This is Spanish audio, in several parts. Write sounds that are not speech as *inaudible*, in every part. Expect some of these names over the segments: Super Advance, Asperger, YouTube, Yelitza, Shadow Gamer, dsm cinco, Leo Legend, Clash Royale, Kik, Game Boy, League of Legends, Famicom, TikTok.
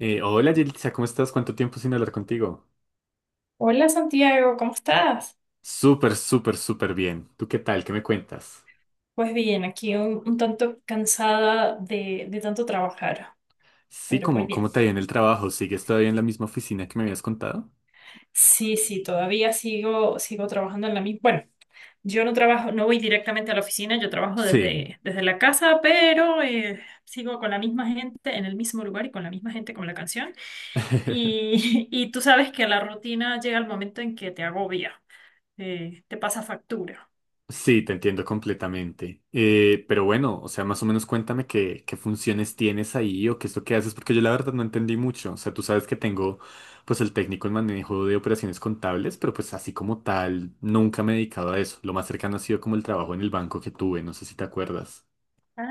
Hola Yelitza, ¿cómo estás? ¿Cuánto tiempo sin hablar contigo? Hola Santiago, ¿cómo estás? Súper, súper, súper bien. ¿Tú qué tal? ¿Qué me cuentas? Pues bien, aquí un tanto cansada de tanto trabajar, Sí, pero pues ¿cómo, bien. cómo te ha ido en el trabajo? ¿Sigues todavía en la misma oficina que me habías contado? Sí, sí, todavía sigo, sigo trabajando en la misma. Bueno, yo no trabajo, no voy directamente a la oficina, yo trabajo Sí. desde la casa, pero sigo con la misma gente en el mismo lugar y con la misma gente con la canción. *laughs* *laughs* Y tú sabes que la rutina llega al momento en que te agobia, te pasa factura. Sí, te entiendo completamente. Pero bueno, o sea, más o menos cuéntame qué funciones tienes ahí o qué es lo que haces, porque yo la verdad no entendí mucho. O sea, tú sabes que tengo pues el técnico en manejo de operaciones contables, pero pues así como tal, nunca me he dedicado a eso. Lo más cercano ha sido como el trabajo en el banco que tuve, no sé si te acuerdas. Ah,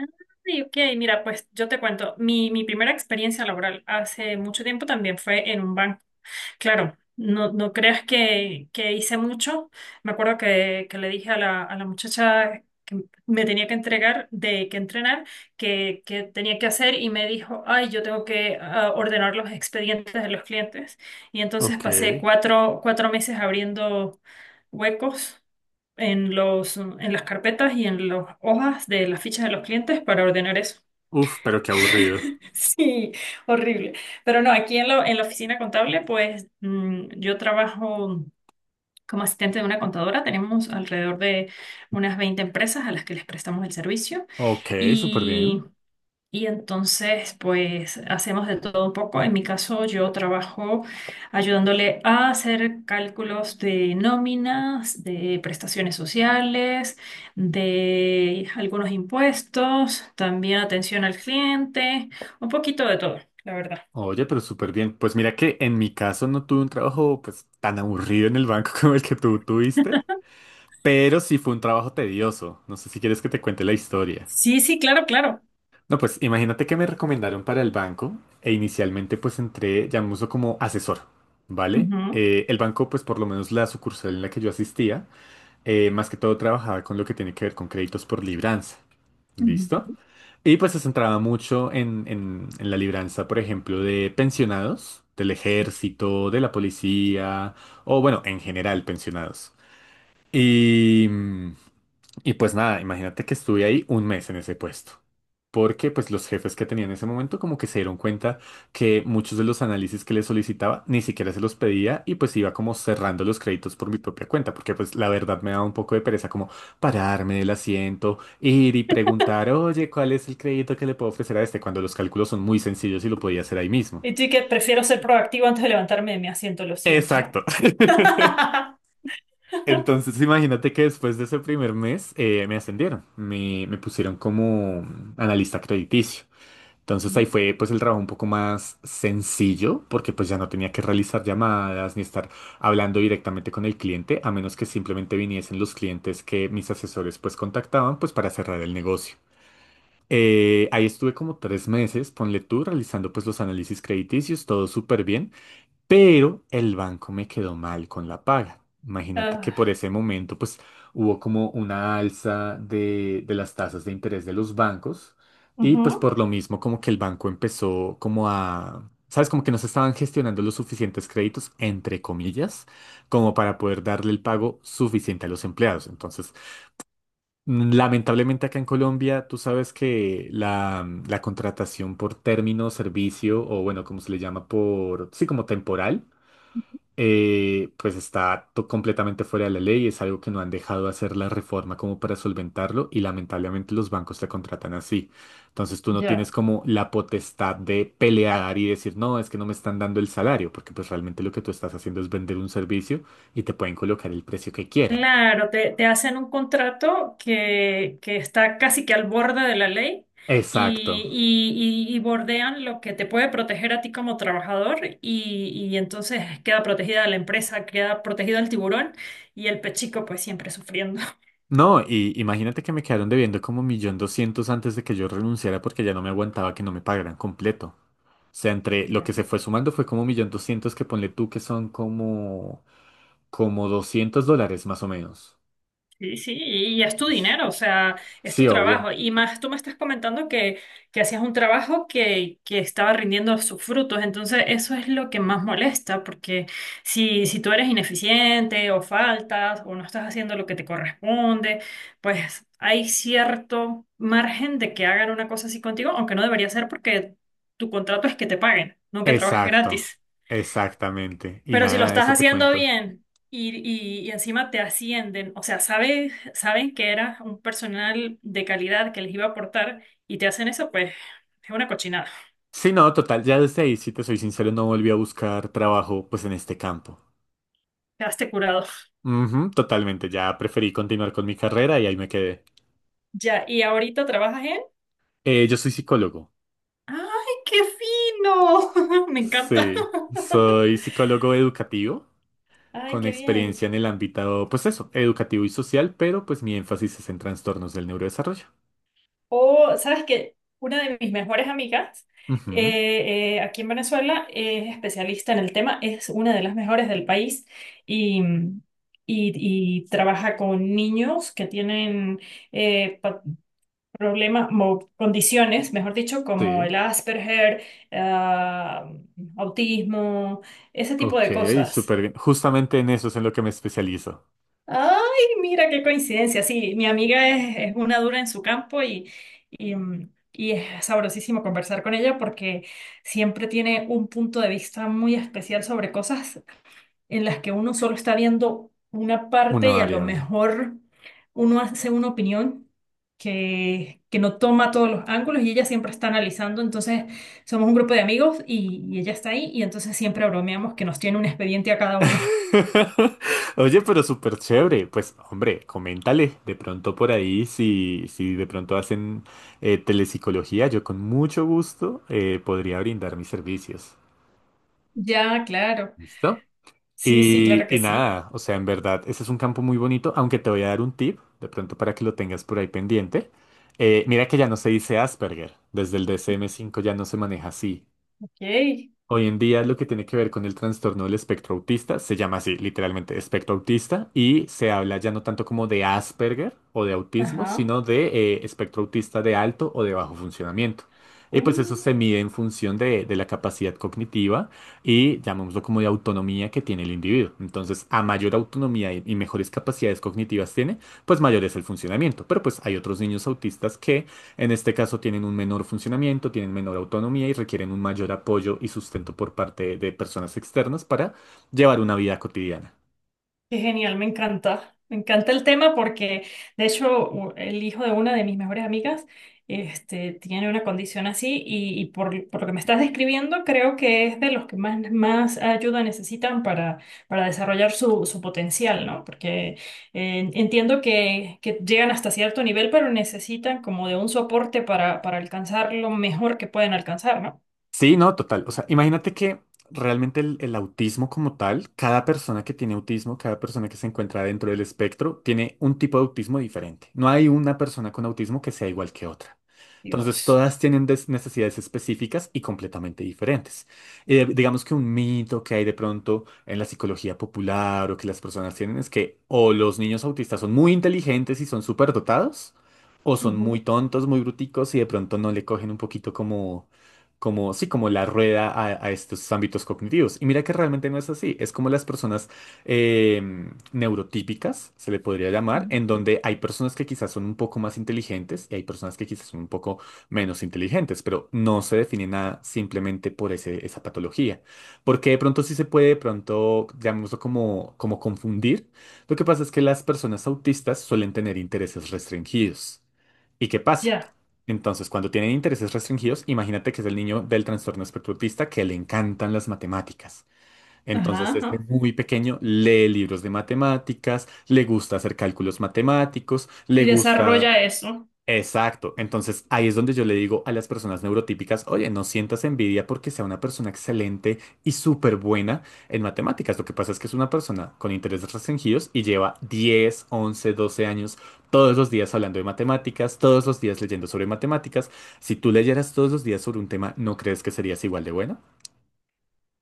ok, mira, pues yo te cuento, mi primera experiencia laboral hace mucho tiempo también fue en un banco. Claro, no, no creas que hice mucho. Me acuerdo que le dije a la muchacha que me tenía que entregar, de que entrenar, que tenía que hacer y me dijo, ay, yo tengo que ordenar los expedientes de los clientes. Y entonces Ok. pasé cuatro meses abriendo huecos en en las carpetas y en las hojas de las fichas de los clientes para ordenar eso. Uf, pero qué aburrido. *laughs* Sí, horrible. Pero no, aquí en, lo en la oficina contable, pues yo trabajo como asistente de una contadora. Tenemos alrededor de unas 20 empresas a las que les prestamos el servicio. Ok, súper bien. Y entonces, pues hacemos de todo un poco. En mi caso, yo trabajo ayudándole a hacer cálculos de nóminas, de prestaciones sociales, de algunos impuestos, también atención al cliente, un poquito de todo, la verdad. Oye, pero súper bien. Pues mira que en mi caso no tuve un trabajo pues tan aburrido en el banco *laughs* como el que tú tuviste, pero sí fue un trabajo tedioso. No sé si quieres que te cuente la historia. Sí, sí, claro, claro. No, pues imagínate que me recomendaron para el banco e inicialmente pues entré, llamémoslo como asesor, ¿vale? Ujú, El banco, pues por lo menos la sucursal en la que yo asistía, más que todo trabajaba con lo que tiene que ver con créditos por libranza. ¿Listo? ujú. Y pues se centraba mucho en la libranza, por ejemplo, de pensionados, del ejército, de la policía, o bueno, en general pensionados. Y, mm, y pues nada, imagínate que estuve ahí un mes en ese puesto. Porque pues los jefes que tenía en ese momento como que se dieron cuenta que muchos de los análisis que les solicitaba ni siquiera se los pedía y pues iba como cerrando los créditos por mi propia cuenta, porque pues la verdad me daba un poco de pereza como pararme del asiento, ir y preguntar, oye, ¿cuál es el crédito que le puedo ofrecer a este? Cuando los cálculos son muy sencillos y lo podía hacer ahí mismo. Y tú y que prefiero ser proactivo antes de levantarme de mi asiento, lo siento. Exacto. *laughs* *laughs* Entonces, imagínate que después de ese primer mes me ascendieron, me pusieron como analista crediticio. Entonces ahí fue pues el trabajo un poco más sencillo porque pues ya no tenía que realizar llamadas ni estar hablando directamente con el cliente a menos que simplemente viniesen los clientes que mis asesores pues contactaban pues para cerrar el negocio. Ahí estuve como 3 meses, ponle tú, realizando pues los análisis crediticios, todo súper bien. Pero el banco me quedó mal con la paga. Imagínate que por Ah, ese momento pues hubo como una alza de las tasas de interés de los bancos y pues ujú. por lo mismo como que el banco empezó como a, ¿sabes? Como que no se estaban gestionando los suficientes créditos, entre comillas, como para poder darle el pago suficiente a los empleados. Entonces, lamentablemente acá en Colombia tú sabes que la contratación por término, servicio o bueno, como se le llama por, sí, como temporal, pues está completamente fuera de la ley, es algo que no han dejado hacer la reforma como para solventarlo y lamentablemente los bancos te contratan así. Entonces tú no Ya. tienes como la potestad de pelear y decir, no, es que no me están dando el salario, porque pues realmente lo que tú estás haciendo es vender un servicio y te pueden colocar el precio que quieran. Claro, te hacen un contrato que está casi que al borde de la ley y, Exacto. Y bordean lo que te puede proteger a ti como trabajador y entonces queda protegida la empresa, queda protegido el tiburón y el pechico pues siempre sufriendo. No, y imagínate que me quedaron debiendo como 1.200.000 antes de que yo renunciara porque ya no me aguantaba que no me pagaran completo. O sea, entre lo que se *laughs* fue sumando fue como 1.200.000 que ponle tú que son como, como $200 más o menos. Sí, sí, y es tu dinero, o sea, es tu Sí, obvio. trabajo. Y más, tú me estás comentando que hacías un trabajo que estaba rindiendo sus frutos, entonces eso es lo que más molesta, porque si, si tú eres ineficiente o faltas o no estás haciendo lo que te corresponde, pues hay cierto margen de que hagan una cosa así contigo, aunque no debería ser porque tu contrato es que te paguen, no que trabajes Exacto. gratis. Exactamente. Y Pero si lo nada, estás eso te haciendo cuento. bien y, encima te ascienden, o sea, sabe- saben que eras un personal de calidad que les iba a aportar y te hacen eso, pues es una cochinada. Sí, no, total, ya desde ahí, si te soy sincero, no volví a buscar trabajo pues en este campo. Quedaste curado. Ujú, totalmente, ya preferí continuar con mi carrera y ahí me quedé. Ya, y ahorita trabajas en... Yo soy psicólogo. ¡Ay, qué fino! *laughs* Me encanta. Sí, soy psicólogo educativo, *laughs* ¡Ay, con qué experiencia bien! en el ámbito, pues eso, educativo y social, pero pues mi énfasis es en trastornos del neurodesarrollo. O, ¿sabes qué? Una de mis mejores amigas Ujú. Aquí en Venezuela es especialista en el tema, es una de las mejores del país y, y, y trabaja con niños que tienen eh, pa- problemas o condiciones, mejor dicho, como Sí. el Asperger, ah, autismo, ese tipo Ok, de cosas. súper bien. Justamente en eso es en lo que me especializo. Ay, mira qué coincidencia. Sí, mi amiga es una dura en su campo y, y es sabrosísimo conversar con ella porque siempre tiene un punto de vista muy especial sobre cosas en las que uno solo está viendo una parte Una y a lo variable. mejor uno hace una opinión que, no toma todos los ángulos y ella siempre está analizando. Entonces, somos un grupo de amigos y ella está ahí y entonces siempre bromeamos que nos tiene un expediente a cada uno. *laughs* *laughs* Oye, pero súper chévere. Pues, hombre, coméntale de pronto por ahí si de pronto hacen telepsicología. Yo con mucho gusto podría brindar mis servicios. Ya, claro. ¿Listo? Sí, sí, claro que Y sí. nada, o sea, en verdad, ese es un campo muy bonito, aunque te voy a dar un tip, de pronto para que lo tengas por ahí pendiente. Mira que ya no se dice Asperger, desde el DSM-5 ya no se maneja así. Ok, Hoy en día lo que tiene que ver con el trastorno del espectro autista se llama así, literalmente, espectro autista, y se habla ya no tanto como de Asperger o de autismo, ajá. sino de espectro autista de alto o de bajo funcionamiento. Y pues eso Uh, se mide en función de la capacidad cognitiva y llamémoslo como de autonomía que tiene el individuo. Entonces, a mayor autonomía y mejores capacidades cognitivas tiene, pues mayor es el funcionamiento. Pero pues hay otros niños autistas que en este caso tienen un menor funcionamiento, tienen menor autonomía y requieren un mayor apoyo y sustento por parte de personas externas para llevar una vida cotidiana. qué genial, me encanta. Me encanta el tema porque, de hecho, u- el hijo de una de mis mejores amigas, este, tiene una condición así y por lo que me estás describiendo, creo que es de los que más, más ayuda necesitan para desarrollar su, su potencial, ¿no? Porque entiendo que llegan hasta cierto nivel, pero necesitan como de un soporte para alcanzar lo mejor que pueden alcanzar, ¿no? Sí, no, total. O sea, imagínate que realmente el autismo como tal, cada persona que tiene autismo, cada persona que se encuentra dentro del espectro, tiene un tipo de autismo diferente. No hay una persona con autismo que sea igual que otra. Entonces, Dios. todas tienen necesidades específicas y completamente diferentes. Digamos que un mito que hay de pronto en la psicología popular o que las personas tienen es que o los niños autistas son muy inteligentes y son súper dotados, o son Ujú, muy tontos, muy bruticos y de pronto no le cogen un poquito como sí, como la rueda a estos ámbitos cognitivos. Y mira que realmente no es así. Es como las personas neurotípicas, se le podría llamar, ujú. en donde hay personas que quizás son un poco más inteligentes y hay personas que quizás son un poco menos inteligentes, pero no se define nada simplemente por esa patología. Porque de pronto sí se puede, de pronto, llamémoslo como, como confundir. Lo que pasa es que las personas autistas suelen tener intereses restringidos. ¿Y qué pasa? Ya. Entonces, cuando tienen intereses restringidos, imagínate que es el niño del trastorno espectro autista que le encantan las matemáticas. Ajá, Entonces, desde ajá. muy pequeño lee libros de matemáticas, le gusta hacer cálculos matemáticos, le Y gusta. desarrolla eso. Exacto. Entonces ahí es donde yo le digo a las personas neurotípicas, oye, no sientas envidia porque sea una persona excelente y súper buena en matemáticas. Lo que pasa es que es una persona con intereses restringidos y lleva 10, 11, 12 años todos los días hablando de matemáticas, todos los días leyendo sobre matemáticas. Si tú leyeras todos los días sobre un tema, ¿no crees que serías igual de bueno?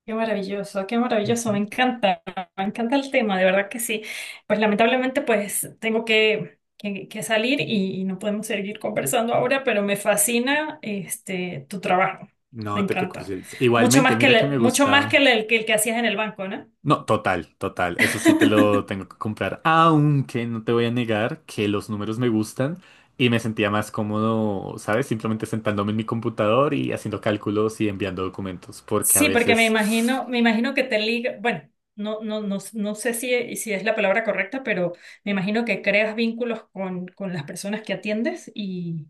Qué maravilloso, Ujú. Me encanta el tema, de verdad que sí. Pues lamentablemente pues tengo que, que salir y no podemos seguir conversando ahora, pero me fascina este tu trabajo, me No te encanta. preocupes. Mucho Igualmente, más que mira que me el, mucho más que gusta. el, que el que hacías en el banco, ¿no? No, total, total. Eso sí te *laughs* lo tengo que comprar. Aunque no te voy a negar que los números me gustan y me sentía más cómodo, ¿sabes? Simplemente sentándome en mi computador y haciendo cálculos y enviando documentos. Porque a Sí, porque veces, me imagino que te liga, bueno, no, no, no, no sé si, si es la palabra correcta, pero me imagino que creas vínculos con las personas que atiendes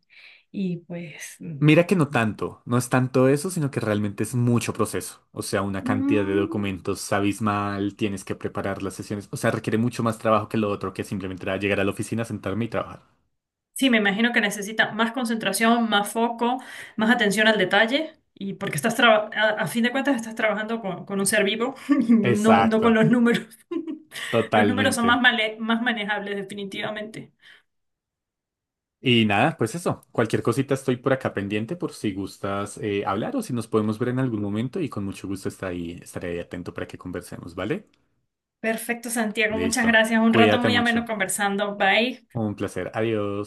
y pues mira que no tanto. No es tanto eso, sino que realmente es mucho proceso. O sea, una cantidad de mm, documentos abismal, tienes que preparar las sesiones. O sea, requiere mucho más trabajo que lo otro, que simplemente era llegar a la oficina, sentarme y trabajar. sí, me imagino que necesita más concentración, más foco, más atención al detalle. Y porque estás traba- a fin de cuentas estás trabajando con un ser vivo, *laughs* no, no con Exacto, los números. *laughs* Los números son más, totalmente. male- más manejables definitivamente. Y nada, pues eso. Cualquier cosita estoy por acá pendiente por si gustas hablar o si nos podemos ver en algún momento y con mucho gusto estaré ahí atento para que conversemos, ¿vale? Perfecto, Santiago. Muchas Listo. gracias. Un rato Cuídate muy ameno mucho. conversando. Bye. Un placer. Adiós.